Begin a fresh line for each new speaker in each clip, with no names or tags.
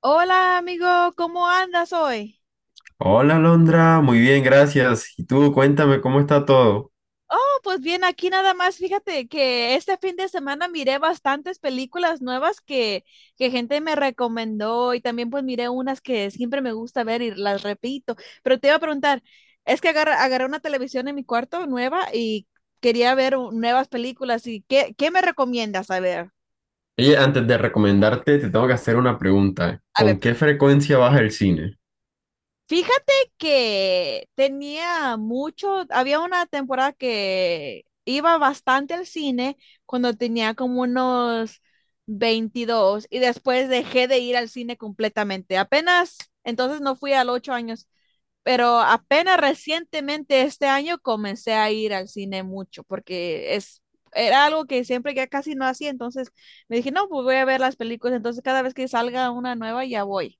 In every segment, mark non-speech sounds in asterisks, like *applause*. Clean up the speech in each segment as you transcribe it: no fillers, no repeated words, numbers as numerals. Hola amigo, ¿cómo andas hoy?
Hola, Alondra, muy bien, gracias. Y tú, cuéntame cómo está todo.
No, pues bien, aquí nada más, fíjate que este fin de semana miré bastantes películas nuevas que gente me recomendó y también pues miré unas que siempre me gusta ver y las repito, pero te iba a preguntar, es que agarré una televisión en mi cuarto nueva y quería ver nuevas películas y ¿qué me recomiendas?
Oye, antes de recomendarte, te tengo que hacer una pregunta.
A ver,
¿Con qué frecuencia vas al cine?
Fíjate que tenía mucho, había una temporada que iba bastante al cine cuando tenía como unos 22, y después dejé de ir al cine completamente. Entonces no fui a los 8 años, pero apenas recientemente este año comencé a ir al cine mucho porque era algo que siempre ya casi no hacía. Entonces me dije, no, pues voy a ver las películas, entonces cada vez que salga una nueva ya voy.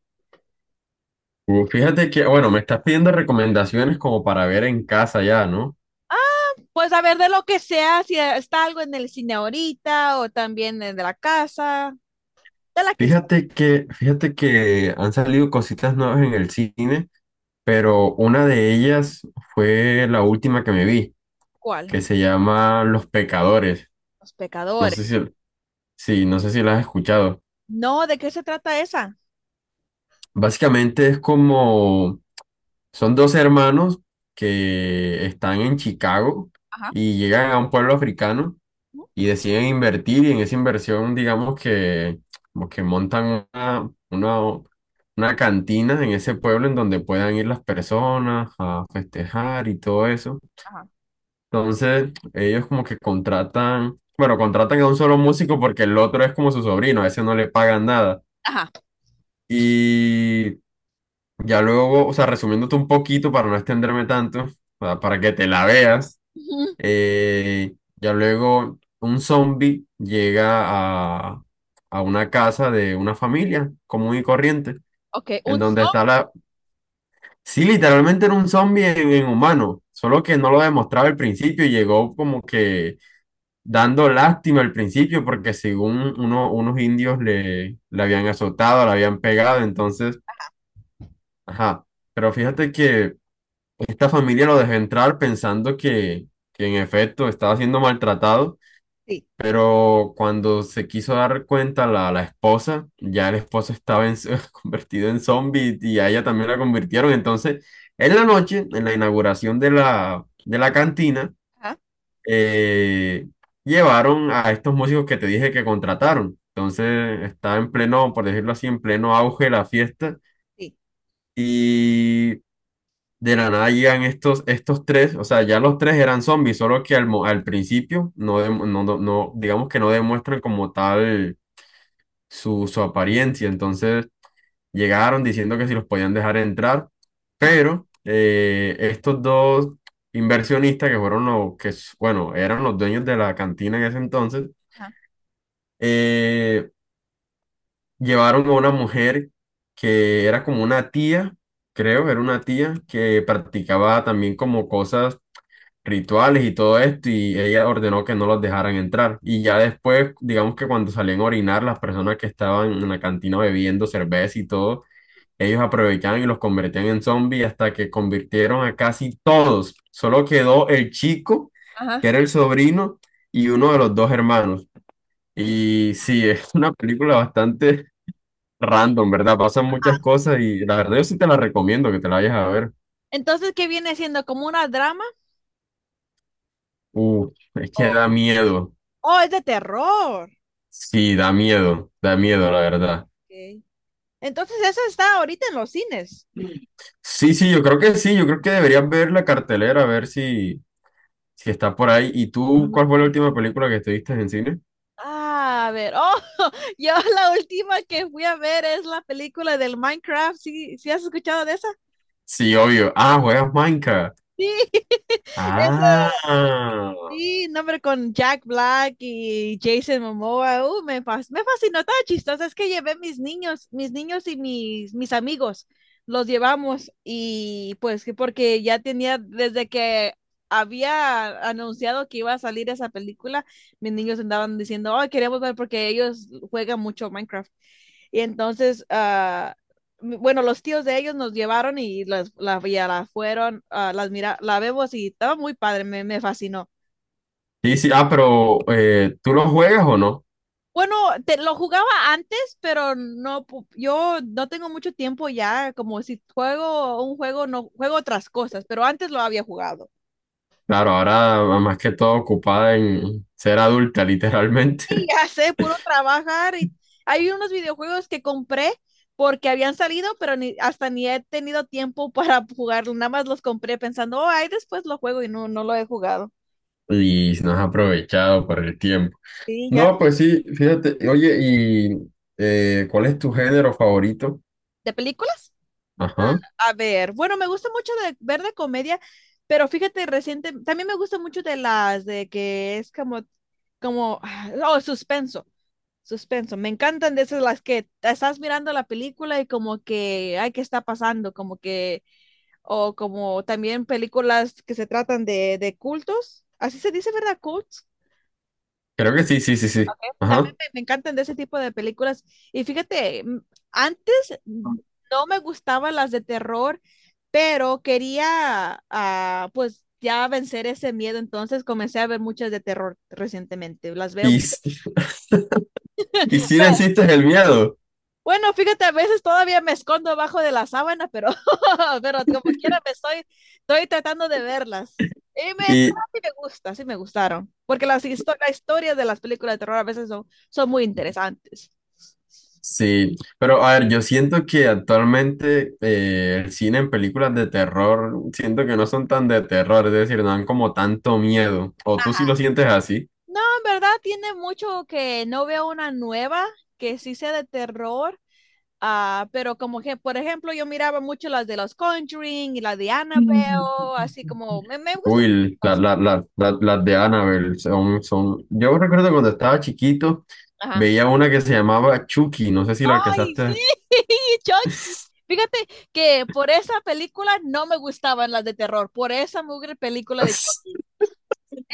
Bueno, me estás pidiendo recomendaciones como para ver en casa ya, ¿no?
Pues a ver, de lo que sea, si está algo en el cine ahorita o también de la casa, de la que sea.
Fíjate que, han salido cositas nuevas en el cine, pero una de ellas fue la última que me vi,
¿Cuál?
que se llama Los Pecadores.
Los
No sé
pecadores.
si, sí, no sé si la has escuchado.
No, ¿de qué se trata esa?
Básicamente es como son dos hermanos que están en Chicago
Ajá.
y llegan a un pueblo africano
¿Mm?
y deciden invertir, y en esa inversión digamos que como que montan una cantina en ese pueblo en donde puedan ir las personas a festejar y todo eso.
Ajá.
Entonces ellos como que contratan, bueno, contratan a un solo músico porque el otro es como su sobrino, a ese no le pagan nada.
Ajá.
Y ya luego, o sea, resumiéndote un poquito para no extenderme tanto, para que te la veas,
Ujú.
ya luego un zombie llega a, a una casa de una familia común y corriente,
Ok,
en
un
donde está la... Sí, literalmente era un zombie en humano, solo que no lo demostraba al principio y llegó como que dando lástima al principio porque según unos indios le habían azotado, le habían pegado, entonces, ajá, pero fíjate que... Esta familia lo dejó entrar pensando que en efecto estaba siendo maltratado,
zombie.
pero cuando se quiso dar cuenta la esposa, ya el esposo estaba *laughs* convertido en zombie y a ella también la convirtieron. Entonces, en la noche, en la inauguración de de la cantina,
Ajá.
eh, llevaron a estos músicos que te dije que contrataron. Entonces, está en pleno, por decirlo así, en pleno auge la fiesta.
Sí.
Y de la nada llegan estos tres, o sea, ya los tres eran zombies, solo que al principio no, digamos que no demuestran como tal su apariencia. Entonces llegaron diciendo que si los podían dejar entrar,
Ajá.
pero estos dos inversionistas que fueron los bueno, eran los dueños de la cantina en ese entonces,
Ajá.
eh, llevaron a una mujer que era como una tía, creo, era una tía que practicaba también como cosas rituales y todo esto, y ella ordenó que no los dejaran entrar. Y ya después, digamos que cuando salían a orinar, las personas que estaban en la cantina bebiendo cerveza y todo, ellos aprovechaban y los convertían en zombies hasta que convirtieron a casi todos. Solo quedó el chico,
Ajá.
que era el sobrino, y uno de los dos hermanos. Y sí, *laughs* es una película bastante random, ¿verdad? Pasan muchas cosas y la verdad yo sí te la recomiendo que te la vayas a ver.
Entonces, ¿qué viene siendo? ¿Como una drama?
Es que
O
da miedo.
Oh, es de terror.
Sí, da miedo, la verdad.
Ok. Entonces, esa está ahorita en los cines.
Sí, sí, yo creo que sí, yo creo que deberías ver la cartelera, a ver si está por ahí. ¿Y tú cuál fue la última película que estuviste en cine?
Ah, a ver. Oh, *laughs* yo la última que fui a ver es la película del Minecraft. ¿Sí, sí has escuchado de esa?
Sí, obvio. Ah, juegas Minecraft.
Sí, eso.
Ah,
Sí, no, pero con Jack Black y Jason Momoa, me, me fascinó, estaba chistoso, es que llevé mis niños, mis amigos, los llevamos y pues que porque ya tenía, desde que había anunciado que iba a salir esa película, mis niños andaban diciendo, oh, queremos ver porque ellos juegan mucho Minecraft. Y entonces, bueno, los tíos de ellos nos llevaron y ya la fueron, ah, las mira, la vemos y estaba muy padre, me fascinó.
sí, sí, pero ¿tú lo juegas o no?
Bueno, lo jugaba antes, pero no, yo no tengo mucho tiempo ya, como si juego un juego, no juego otras cosas, pero antes lo había jugado.
Claro, ahora más que todo ocupada en ser adulta,
Y
literalmente.
ya sé, puro trabajar, y hay unos videojuegos que compré porque habían salido, pero ni, hasta ni he tenido tiempo *laughs* para jugarlo, nada más los compré pensando, oh, ahí después lo juego y no, no lo he jugado.
*laughs* Y no has aprovechado por el tiempo.
Sí, ya.
No, pues sí, fíjate, oye, ¿y cuál es tu género favorito?
¿De películas?
Ajá.
A ver, bueno, me gusta mucho de ver de comedia, pero fíjate, reciente, también me gusta mucho de las de que es como, como, ah, oh, suspenso, suspenso. Me encantan de esas, las que te estás mirando la película y como que, ay, ¿qué está pasando? Como que, o como también películas que se tratan de cultos. Así se dice, ¿verdad? Cults
Creo que sí, sí, sí, sí. Ajá.
también me encantan de ese tipo de películas. Y fíjate, antes no me gustaban las de terror, pero quería, ah, pues, ya vencer ese miedo. Entonces comencé a ver muchas de terror recientemente. Las veo.
Y, sí- *laughs* y sí necesitas el miedo.
Bueno, fíjate, a veces todavía me escondo abajo de la sábana, pero, *laughs* pero como quiera estoy tratando de verlas. Y
Y
sí me gusta, sí me gustaron. Porque las historias de las películas de terror a veces son, son muy interesantes.
sí, pero a ver, yo siento que actualmente el cine en películas de terror, siento que no son tan de terror, es decir, no dan como tanto miedo. ¿O tú sí lo
Ajá.
sientes así?
No, en verdad tiene mucho que no veo una nueva que sí sea de terror, ah, pero como que, por ejemplo, yo miraba mucho las de los Conjuring y la de Annabelle, así como, me gustan.
Uy,
las-
las de Annabelle son, son... Yo recuerdo cuando estaba chiquito,
Ajá.
veía una que se llamaba Chucky, no sé si la
Ay,
alcanzaste.
sí, *laughs* Chucky.
*laughs*
Fíjate que por esa película no me gustaban las de terror, por esa mugre película de Chucky.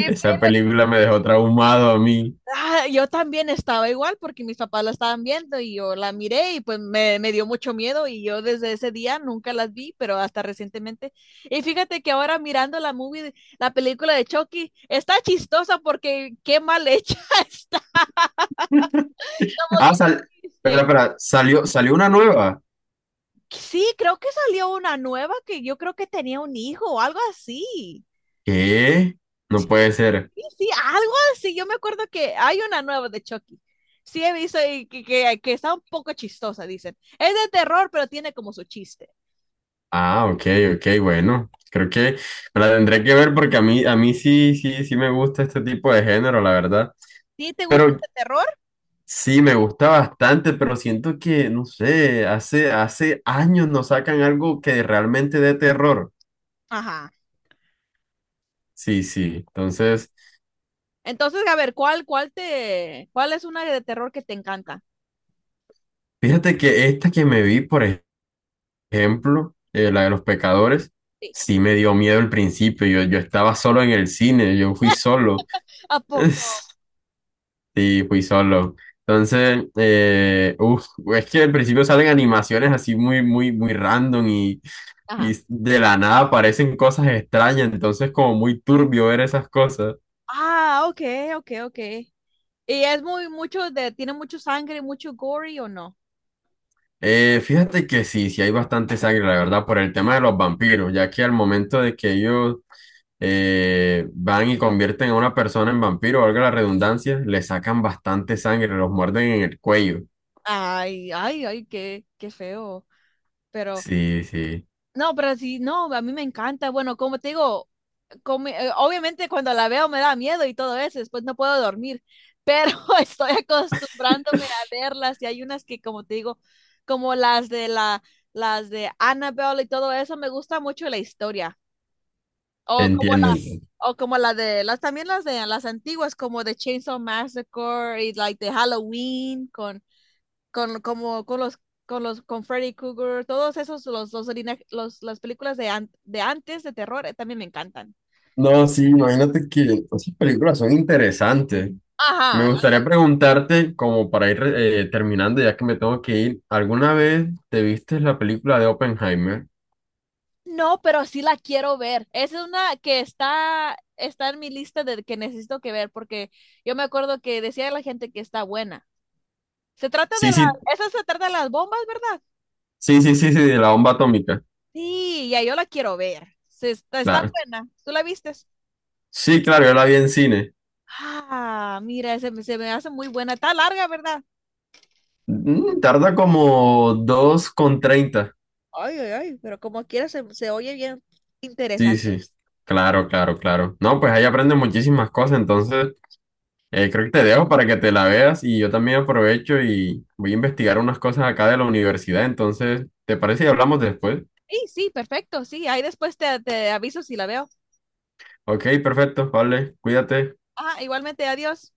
Esa película me dejó traumado a mí.
Ah, yo también estaba igual porque mis papás la estaban viendo y yo la miré y pues me dio mucho miedo y yo desde ese día nunca las vi, pero hasta recientemente. Y fíjate que ahora mirando la movie, la película de Chucky, está chistosa porque qué mal hecha *laughs* está. Como
Ah,
que
sal... Espera,
este,
espera, salió una nueva.
sí, creo que salió una nueva que yo creo que tenía un hijo o algo así.
¿Qué? No puede ser.
Sí, sí algo así. Yo me acuerdo que hay una nueva de Chucky. Sí, he visto y que está un poco chistosa, dicen. Es de terror, pero tiene como su chiste.
Ah, ok, ok, bueno. Creo que me la tendré que ver porque a mí sí, sí, sí me gusta este tipo de género, la verdad.
¿Sí te gusta
Pero
el terror?
sí, me gusta bastante, pero siento que, no sé, hace años nos sacan algo que realmente dé terror.
Ajá.
Sí, sí.
Sí.
Entonces,
Entonces, a ver, ¿ cuál es una de terror que te encanta?
fíjate que esta que me vi, por ejemplo, la de los pecadores,
Sí.
sí me dio miedo al principio. Yo estaba solo en el cine, yo fui
*laughs*
solo.
¿A
*laughs*
poco?
Sí, fui solo. Entonces, es que al principio salen animaciones así muy, muy, muy random y
Ajá.
de la nada aparecen cosas extrañas. Entonces, como muy turbio ver esas cosas.
Ah, ok, ok, ok. ¿Y es muy, mucho de, tiene mucho sangre, mucho gory o no?
Fíjate que sí, sí hay bastante sangre, la verdad, por el tema de los vampiros, ya que al momento de que ellos van y convierten a una persona en vampiro, valga la redundancia, le sacan bastante sangre, los muerden en el cuello.
Ay, ay, ay, qué, qué feo. Pero
Sí, sí,
no, pero sí, no, a mí me encanta. Bueno, como te digo, obviamente cuando la veo me da miedo y todo eso, después no puedo dormir, pero *laughs* estoy acostumbrándome a verlas, y hay unas que, como te digo, como las de Annabelle y todo eso, me gusta mucho la historia. O como la,
entiendo, entiendo.
o como la de, las también las de las antiguas, como de Chainsaw Massacre y like de Halloween con con con Freddy Krueger, todos esos, las películas de, de antes, de terror, también me encantan.
No, sí, imagínate que esas películas son interesantes.
Ajá.
Me gustaría preguntarte, como para ir terminando, ya que me tengo que ir, ¿alguna vez te viste la película de Oppenheimer?
No, pero sí la quiero ver. Esa es una que está, está en mi lista de que necesito que ver, porque yo me acuerdo que decía la gente que está buena. Se trata
Sí, sí,
esa se trata de las bombas, ¿verdad?
sí, de la bomba atómica.
Sí, ya yo la quiero ver. Se está, está
Claro.
buena. ¿Tú la vistes?
Sí, claro, yo la vi en cine.
Ah, mira, se me hace muy buena. Está larga, ¿verdad?
Mm, tarda como 2:30.
Ay, ay, ay, pero como quiera se, se oye bien
Sí,
interesante.
sí, claro, no, pues ahí aprendes muchísimas cosas, entonces creo que te dejo para que te la veas y yo también aprovecho y voy a investigar unas cosas acá de la universidad. Entonces, ¿te parece y hablamos después?
Sí, sí, perfecto, sí, ahí después te, te aviso si la veo.
Ok, perfecto, vale, cuídate.
Ah, igualmente, adiós.